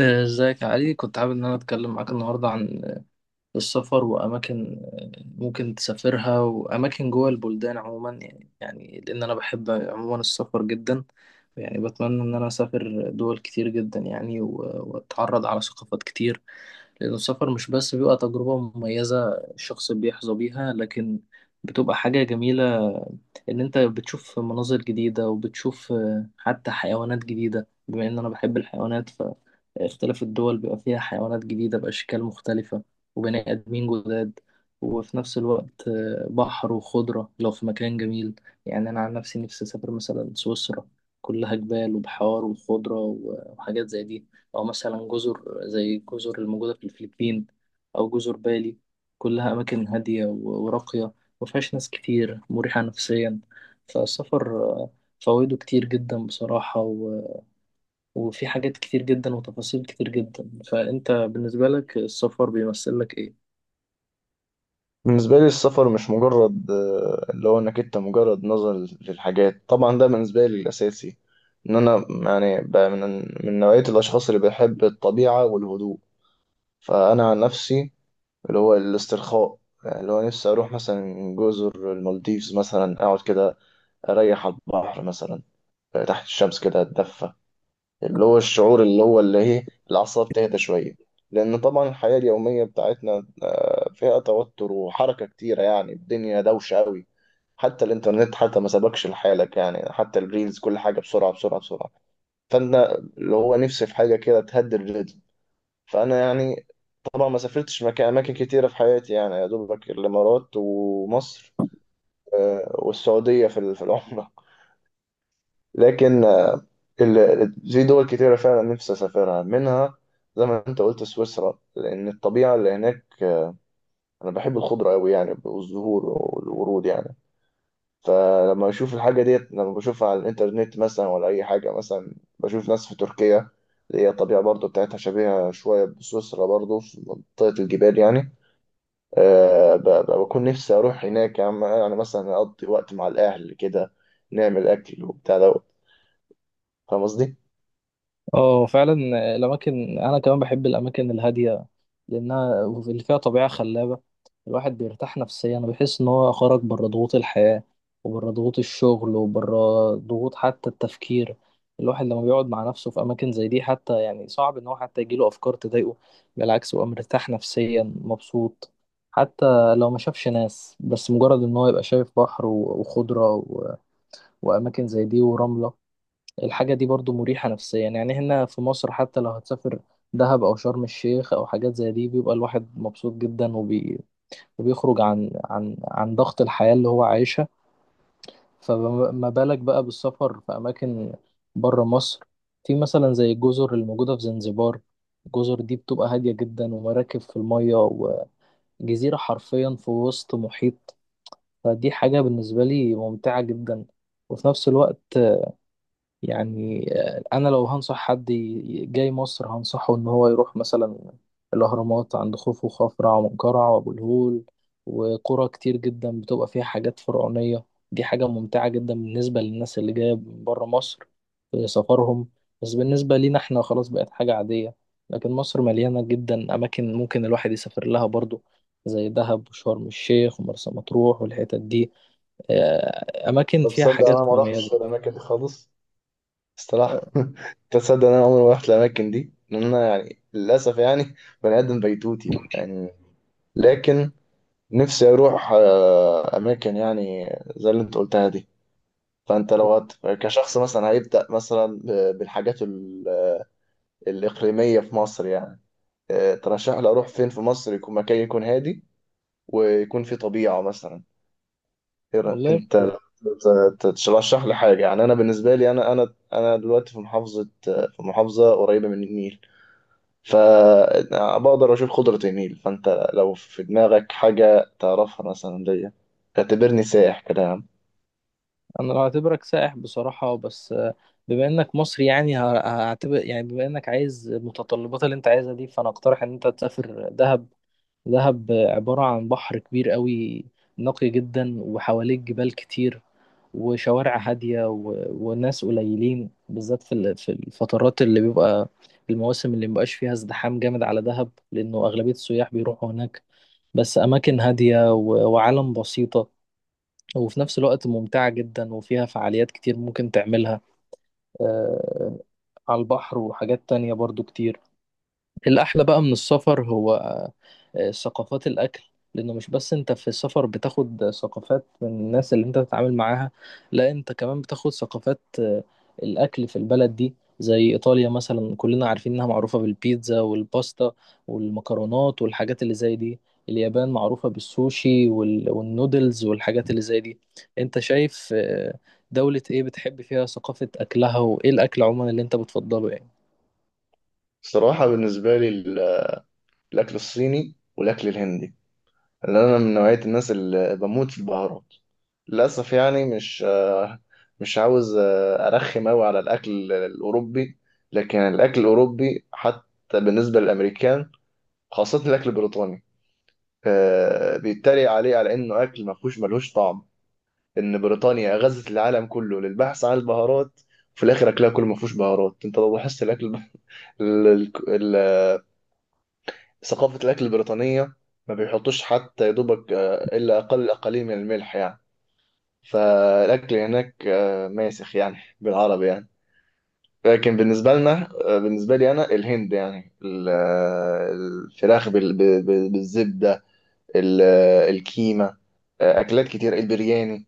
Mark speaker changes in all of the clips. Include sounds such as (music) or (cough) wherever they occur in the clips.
Speaker 1: ازيك يا علي؟ كنت حابب ان انا اتكلم معاك النهارده عن السفر واماكن ممكن تسافرها واماكن جوه البلدان عموما، يعني لان انا بحب عموما السفر جدا. يعني بتمنى ان انا اسافر دول كتير جدا، يعني واتعرض على ثقافات كتير، لأن السفر مش بس بيبقى تجربة مميزة الشخص بيحظى بيها، لكن بتبقى حاجة جميلة إن أنت بتشوف مناظر جديدة، وبتشوف حتى حيوانات جديدة، بما إن أنا بحب الحيوانات، فاختلاف الدول بيبقى فيها حيوانات جديدة بأشكال مختلفة، وبني آدمين جداد. وفي نفس الوقت بحر وخضرة لو في مكان جميل. يعني أنا عن نفسي نفسي أسافر مثلا سويسرا، كلها جبال وبحار وخضرة وحاجات زي دي، أو مثلا جزر زي الجزر الموجودة في الفلبين، أو جزر بالي. كلها أماكن هادية وراقية، مفيهاش ناس كتير، مريحة نفسيا. فالسفر فوائده كتير جدا بصراحة وفي حاجات كتير جدا وتفاصيل كتير جدا. فأنت بالنسبة لك السفر بيمثل لك إيه؟
Speaker 2: بالنسبة لي السفر مش مجرد اللي هو انك انت مجرد نظر للحاجات. طبعا ده بالنسبة لي الأساسي ان انا يعني بقى من نوعية الأشخاص اللي بيحب الطبيعة والهدوء. فأنا عن نفسي اللي هو الاسترخاء، يعني اللي هو نفسي أروح مثلا جزر المالديفز مثلا، أقعد كده أريح على البحر مثلا، تحت الشمس كده أتدفى. اللي هو الشعور اللي هو اللي هي الأعصاب تهدى شوية، لأن طبعا الحياة اليومية بتاعتنا فيها توتر وحركة كتيرة. يعني الدنيا دوشة أوي، حتى الإنترنت حتى ما سبقش لحالك، يعني حتى الريلز كل حاجة بسرعة بسرعة بسرعة. فأنا اللي هو نفسي في حاجة كده تهدي الريتم. فأنا يعني طبعا ما سافرتش مكان، أماكن كتيرة في حياتي يعني يا دوبك الإمارات ومصر والسعودية في العمرة. لكن في دول كتيرة فعلا نفسي أسافرها منها، زي ما أنت قلت سويسرا، لأن الطبيعة اللي هناك، أنا بحب الخضرة أوي يعني، والزهور والورود يعني. فلما بشوف الحاجة ديت، لما بشوفها على الإنترنت مثلا ولا أي حاجة، مثلا بشوف ناس في تركيا اللي هي الطبيعة برضو بتاعتها شبيهة شوية بسويسرا، برضو في منطقة الجبال يعني. بكون نفسي أروح هناك يعني. أنا مثلا أقضي وقت مع الأهل كده، نعمل أكل وبتاع دوت. فاهم قصدي؟
Speaker 1: اه فعلا. الاماكن، انا كمان بحب الاماكن الهاديه، لانها اللي فيها طبيعه خلابه. الواحد بيرتاح نفسيا وبيحس ان هو خرج بره ضغوط الحياه، وبره ضغوط الشغل، وبره ضغوط حتى التفكير. الواحد لما بيقعد مع نفسه في اماكن زي دي، حتى يعني صعب ان هو حتى يجيله افكار تضايقه. بالعكس، هو مرتاح نفسيا مبسوط، حتى لو ما شافش ناس، بس مجرد ان هو يبقى شايف بحر وخضره واماكن زي دي ورمله، الحاجة دي برضو مريحة نفسيا. يعني هنا في مصر، حتى لو هتسافر دهب أو شرم الشيخ أو حاجات زي دي، بيبقى الواحد مبسوط جدا وبيخرج عن عن ضغط الحياة اللي هو عايشها. فما بالك بقى بالسفر في أماكن بره مصر، في مثلا زي الجزر الموجودة في زنزبار؟ الجزر دي بتبقى هادية جدا، ومراكب في المية، وجزيرة حرفيا في وسط محيط. فدي حاجة بالنسبة لي ممتعة جدا. وفي نفس الوقت يعني انا لو هنصح حد جاي مصر، هنصحه ان هو يروح مثلا الاهرامات عند خوفو وخفرع ومنقرع وابو الهول، وقرى كتير جدا بتبقى فيها حاجات فرعونية. دي حاجة ممتعة جدا بالنسبة للناس اللي جاية من بره مصر في سفرهم. بس بالنسبة لينا احنا خلاص بقت حاجة عادية. لكن مصر مليانة جدا أماكن ممكن الواحد يسافر لها برضو، زي دهب وشرم الشيخ ومرسى مطروح والحتت دي. أماكن
Speaker 2: طب
Speaker 1: فيها
Speaker 2: تصدق انا
Speaker 1: حاجات
Speaker 2: ما رحتش
Speaker 1: مميزة.
Speaker 2: في الاماكن دي خالص، الصراحه. (laughs) تصدق ان انا عمري ما رحت الاماكن دي، لان انا يعني للاسف يعني بني ادم بيتوتي يعني. لكن نفسي اروح اماكن يعني زي اللي انت قلتها دي. فانت لو كشخص مثلا هيبدا مثلا بالحاجات الاقليميه في مصر يعني، ترشح لي اروح فين في مصر، يكون مكان يكون هادي ويكون فيه طبيعه مثلا.
Speaker 1: والله
Speaker 2: انت ت- ترشح لي حاجه يعني. انا بالنسبه لي انا دلوقتي في محافظه، في محافظه قريبه من النيل، فبقدر اشوف خضره النيل. فانت لو في دماغك حاجه تعرفها مثلا ليا، اعتبرني سائح كده يا عم.
Speaker 1: انا لو هعتبرك سائح بصراحة، بس بما انك مصري يعني هعتبر، يعني بما انك عايز المتطلبات اللي انت عايزها دي، فانا اقترح ان انت تسافر دهب. دهب عبارة عن بحر كبير قوي نقي جدا، وحواليك جبال كتير، وشوارع هادية وناس قليلين، بالذات في في الفترات اللي بيبقى المواسم اللي مبقاش فيها ازدحام جامد على دهب، لأنه أغلبية السياح بيروحوا هناك. بس أماكن هادية وعالم بسيطة، وفي نفس الوقت ممتعة جدا وفيها فعاليات كتير ممكن تعملها، آه، على البحر وحاجات تانية برضو كتير. الأحلى بقى من السفر هو ثقافات الأكل، لأنه مش بس أنت في السفر بتاخد ثقافات من الناس اللي أنت بتتعامل معاها، لا أنت كمان بتاخد ثقافات الأكل في البلد دي، زي إيطاليا مثلا، كلنا عارفين إنها معروفة بالبيتزا والباستا والمكرونات والحاجات اللي زي دي. اليابان معروفة بالسوشي والنودلز والحاجات اللي زي دي. أنت شايف دولة إيه بتحب فيها ثقافة أكلها، وإيه الأكل عموما اللي أنت بتفضله يعني؟
Speaker 2: الصراحه بالنسبه لي الاكل الصيني والاكل الهندي، اللي انا من نوعية الناس اللي بموت في البهارات. للاسف يعني مش عاوز ارخم قوي على الاكل الاوروبي، لكن الاكل الاوروبي حتى بالنسبة للامريكان، خاصة الاكل البريطاني، بيتريق عليه على انه اكل ما فيهوش ملهوش طعم. ان بريطانيا غزت العالم كله للبحث عن البهارات، في الاخر اكلها كله ما فيهوش بهارات. انت لو لاحظت الاكل ال- ال- ال- ثقافة الاكل البريطانية، ما بيحطوش حتى يا دوبك الا اقل قليل من الملح يعني. فالاكل هناك ماسخ يعني بالعربي يعني. لكن بالنسبه لنا بالنسبه لي انا، الهند يعني الفراخ بالزبده، الكيمه، اكلات كتير، البرياني،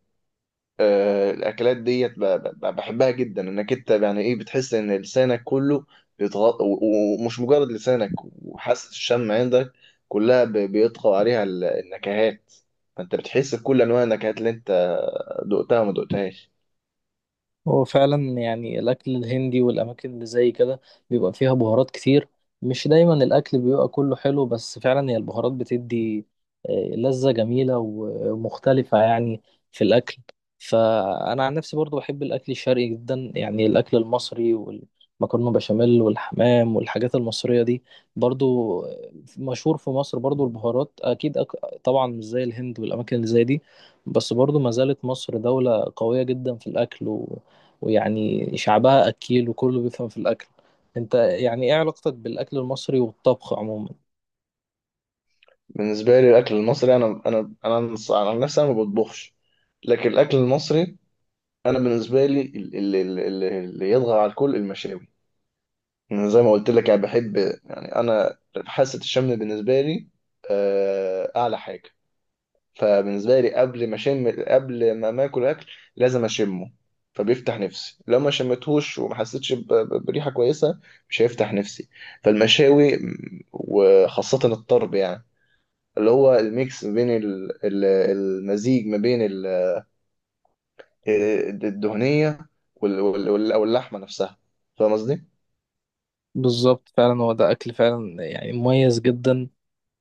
Speaker 2: الاكلات ديت بحبها جدا. انك انت يعني ايه بتحس ان لسانك كله ومش مجرد لسانك، وحاسه الشم عندك كلها بيطغى عليها النكهات، فانت بتحس بكل انواع النكهات اللي انت دقتها وما دقتهاش.
Speaker 1: هو فعلا يعني الأكل الهندي والأماكن اللي زي كده بيبقى فيها بهارات كتير، مش دايما الأكل بيبقى كله حلو، بس فعلا هي البهارات بتدي لذة جميلة ومختلفة يعني في الأكل. فأنا عن نفسي برضو بحب الأكل الشرقي جدا، يعني الأكل المصري والمكرونة بشاميل والحمام والحاجات المصرية دي. برضو مشهور في مصر برضو البهارات، أكيد. طبعا مش زي الهند والأماكن اللي زي دي، بس برضو ما زالت مصر دولة قوية جدا في الأكل، ويعني شعبها أكيل وكله بيفهم في الأكل. أنت يعني إيه علاقتك بالأكل المصري والطبخ عموما؟
Speaker 2: بالنسبة لي الأكل المصري، أنا عن نفسي أنا ما بطبخش. لكن الأكل المصري أنا بالنسبة لي اللي يطغى على الكل المشاوي. أنا زي ما قلت لك أنا بحب يعني، أنا حاسة الشم بالنسبة لي أعلى حاجة. فبالنسبة لي قبل ما أشم، قبل ما آكل أكل لازم أشمه، فبيفتح نفسي. لو ما شمتهوش وما حسيتش بريحة كويسة، مش هيفتح نفسي. فالمشاوي وخاصة الطرب يعني، اللي هو الميكس ما بين المزيج ما بين الدهنية أو اللحمة نفسها. فاهم قصدي؟
Speaker 1: بالظبط، فعلا هو ده أكل فعلا يعني مميز جدا.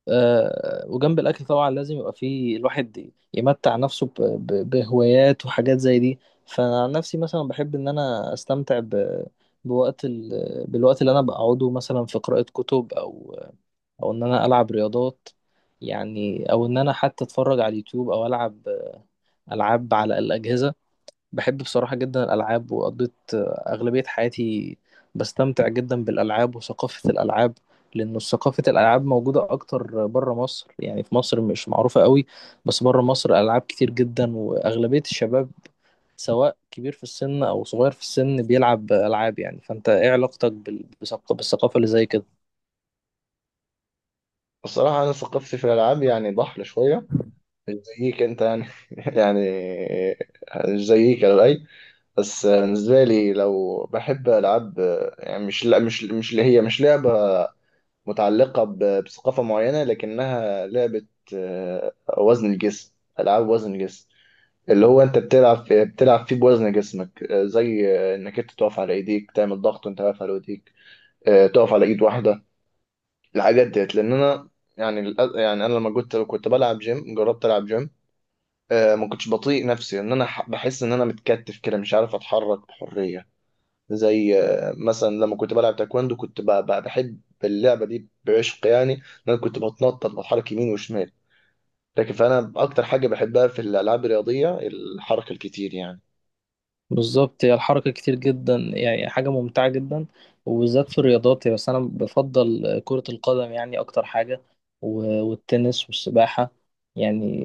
Speaker 1: آه، وجنب الأكل طبعا لازم يبقى فيه الواحد يمتع نفسه بهوايات وحاجات زي دي. فأنا عن نفسي مثلا بحب إن أنا أستمتع بوقت ال... بالوقت اللي أنا بقعده مثلا في قراءة كتب، أو أو إن أنا ألعب رياضات يعني، أو إن أنا حتى أتفرج على اليوتيوب، أو ألعب ألعاب على الأجهزة. بحب بصراحة جدا الألعاب، وقضيت أغلبية حياتي بستمتع جدا بالألعاب وثقافة الألعاب، لأن ثقافة الألعاب موجودة أكتر بره مصر، يعني في مصر مش معروفة قوي، بس بره مصر ألعاب كتير جدا، وأغلبية الشباب سواء كبير في السن أو صغير في السن بيلعب ألعاب. يعني فأنت إيه علاقتك بالثقافة اللي زي كده؟
Speaker 2: الصراحة أنا ثقافتي في الألعاب يعني ضحلة شوية، مش زيك أنت يعني. (laughs) يعني مش زيك على الأقل. بس بالنسبة لي لو بحب ألعاب، يعني مش اللي هي مش لعبة متعلقة بثقافة معينة، لكنها لعبة وزن الجسم، ألعاب وزن الجسم. اللي هو انت بتلعب في بتلعب فيه بوزن جسمك، زي انك انت تقف على ايديك تعمل ضغط وانت واقف على ايديك، تقف على ايد واحده. الحاجات ديت لان انا يعني يعني انا لما كنت بلعب جيم، جربت العب جيم ما كنتش بطيء نفسي، ان انا بحس ان انا متكتف كده مش عارف اتحرك بحريه. زي مثلا لما كنت بلعب تايكوندو، كنت بحب اللعبه دي، بعشق يعني ان انا كنت بتنطط، بتحرك يمين وشمال. لكن فانا اكتر حاجه بحبها في الالعاب الرياضيه الحركه الكتير يعني.
Speaker 1: بالظبط، هي الحركة كتير جدا، يعني حاجة ممتعة جدا وبالذات في الرياضات، يعني بس أنا بفضل كرة القدم يعني أكتر حاجة، والتنس والسباحة يعني.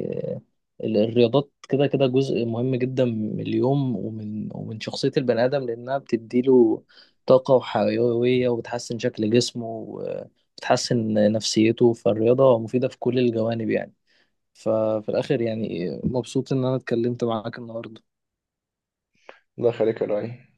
Speaker 1: الرياضات كده جزء مهم جدا من اليوم ومن ومن شخصية البني آدم، لأنها بتديله طاقة وحيوية، وبتحسن شكل جسمه، وبتحسن نفسيته. فالرياضة مفيدة في كل الجوانب يعني. ففي الآخر يعني مبسوط إن أنا اتكلمت معاك النهاردة.
Speaker 2: الله يخليك يا لؤي.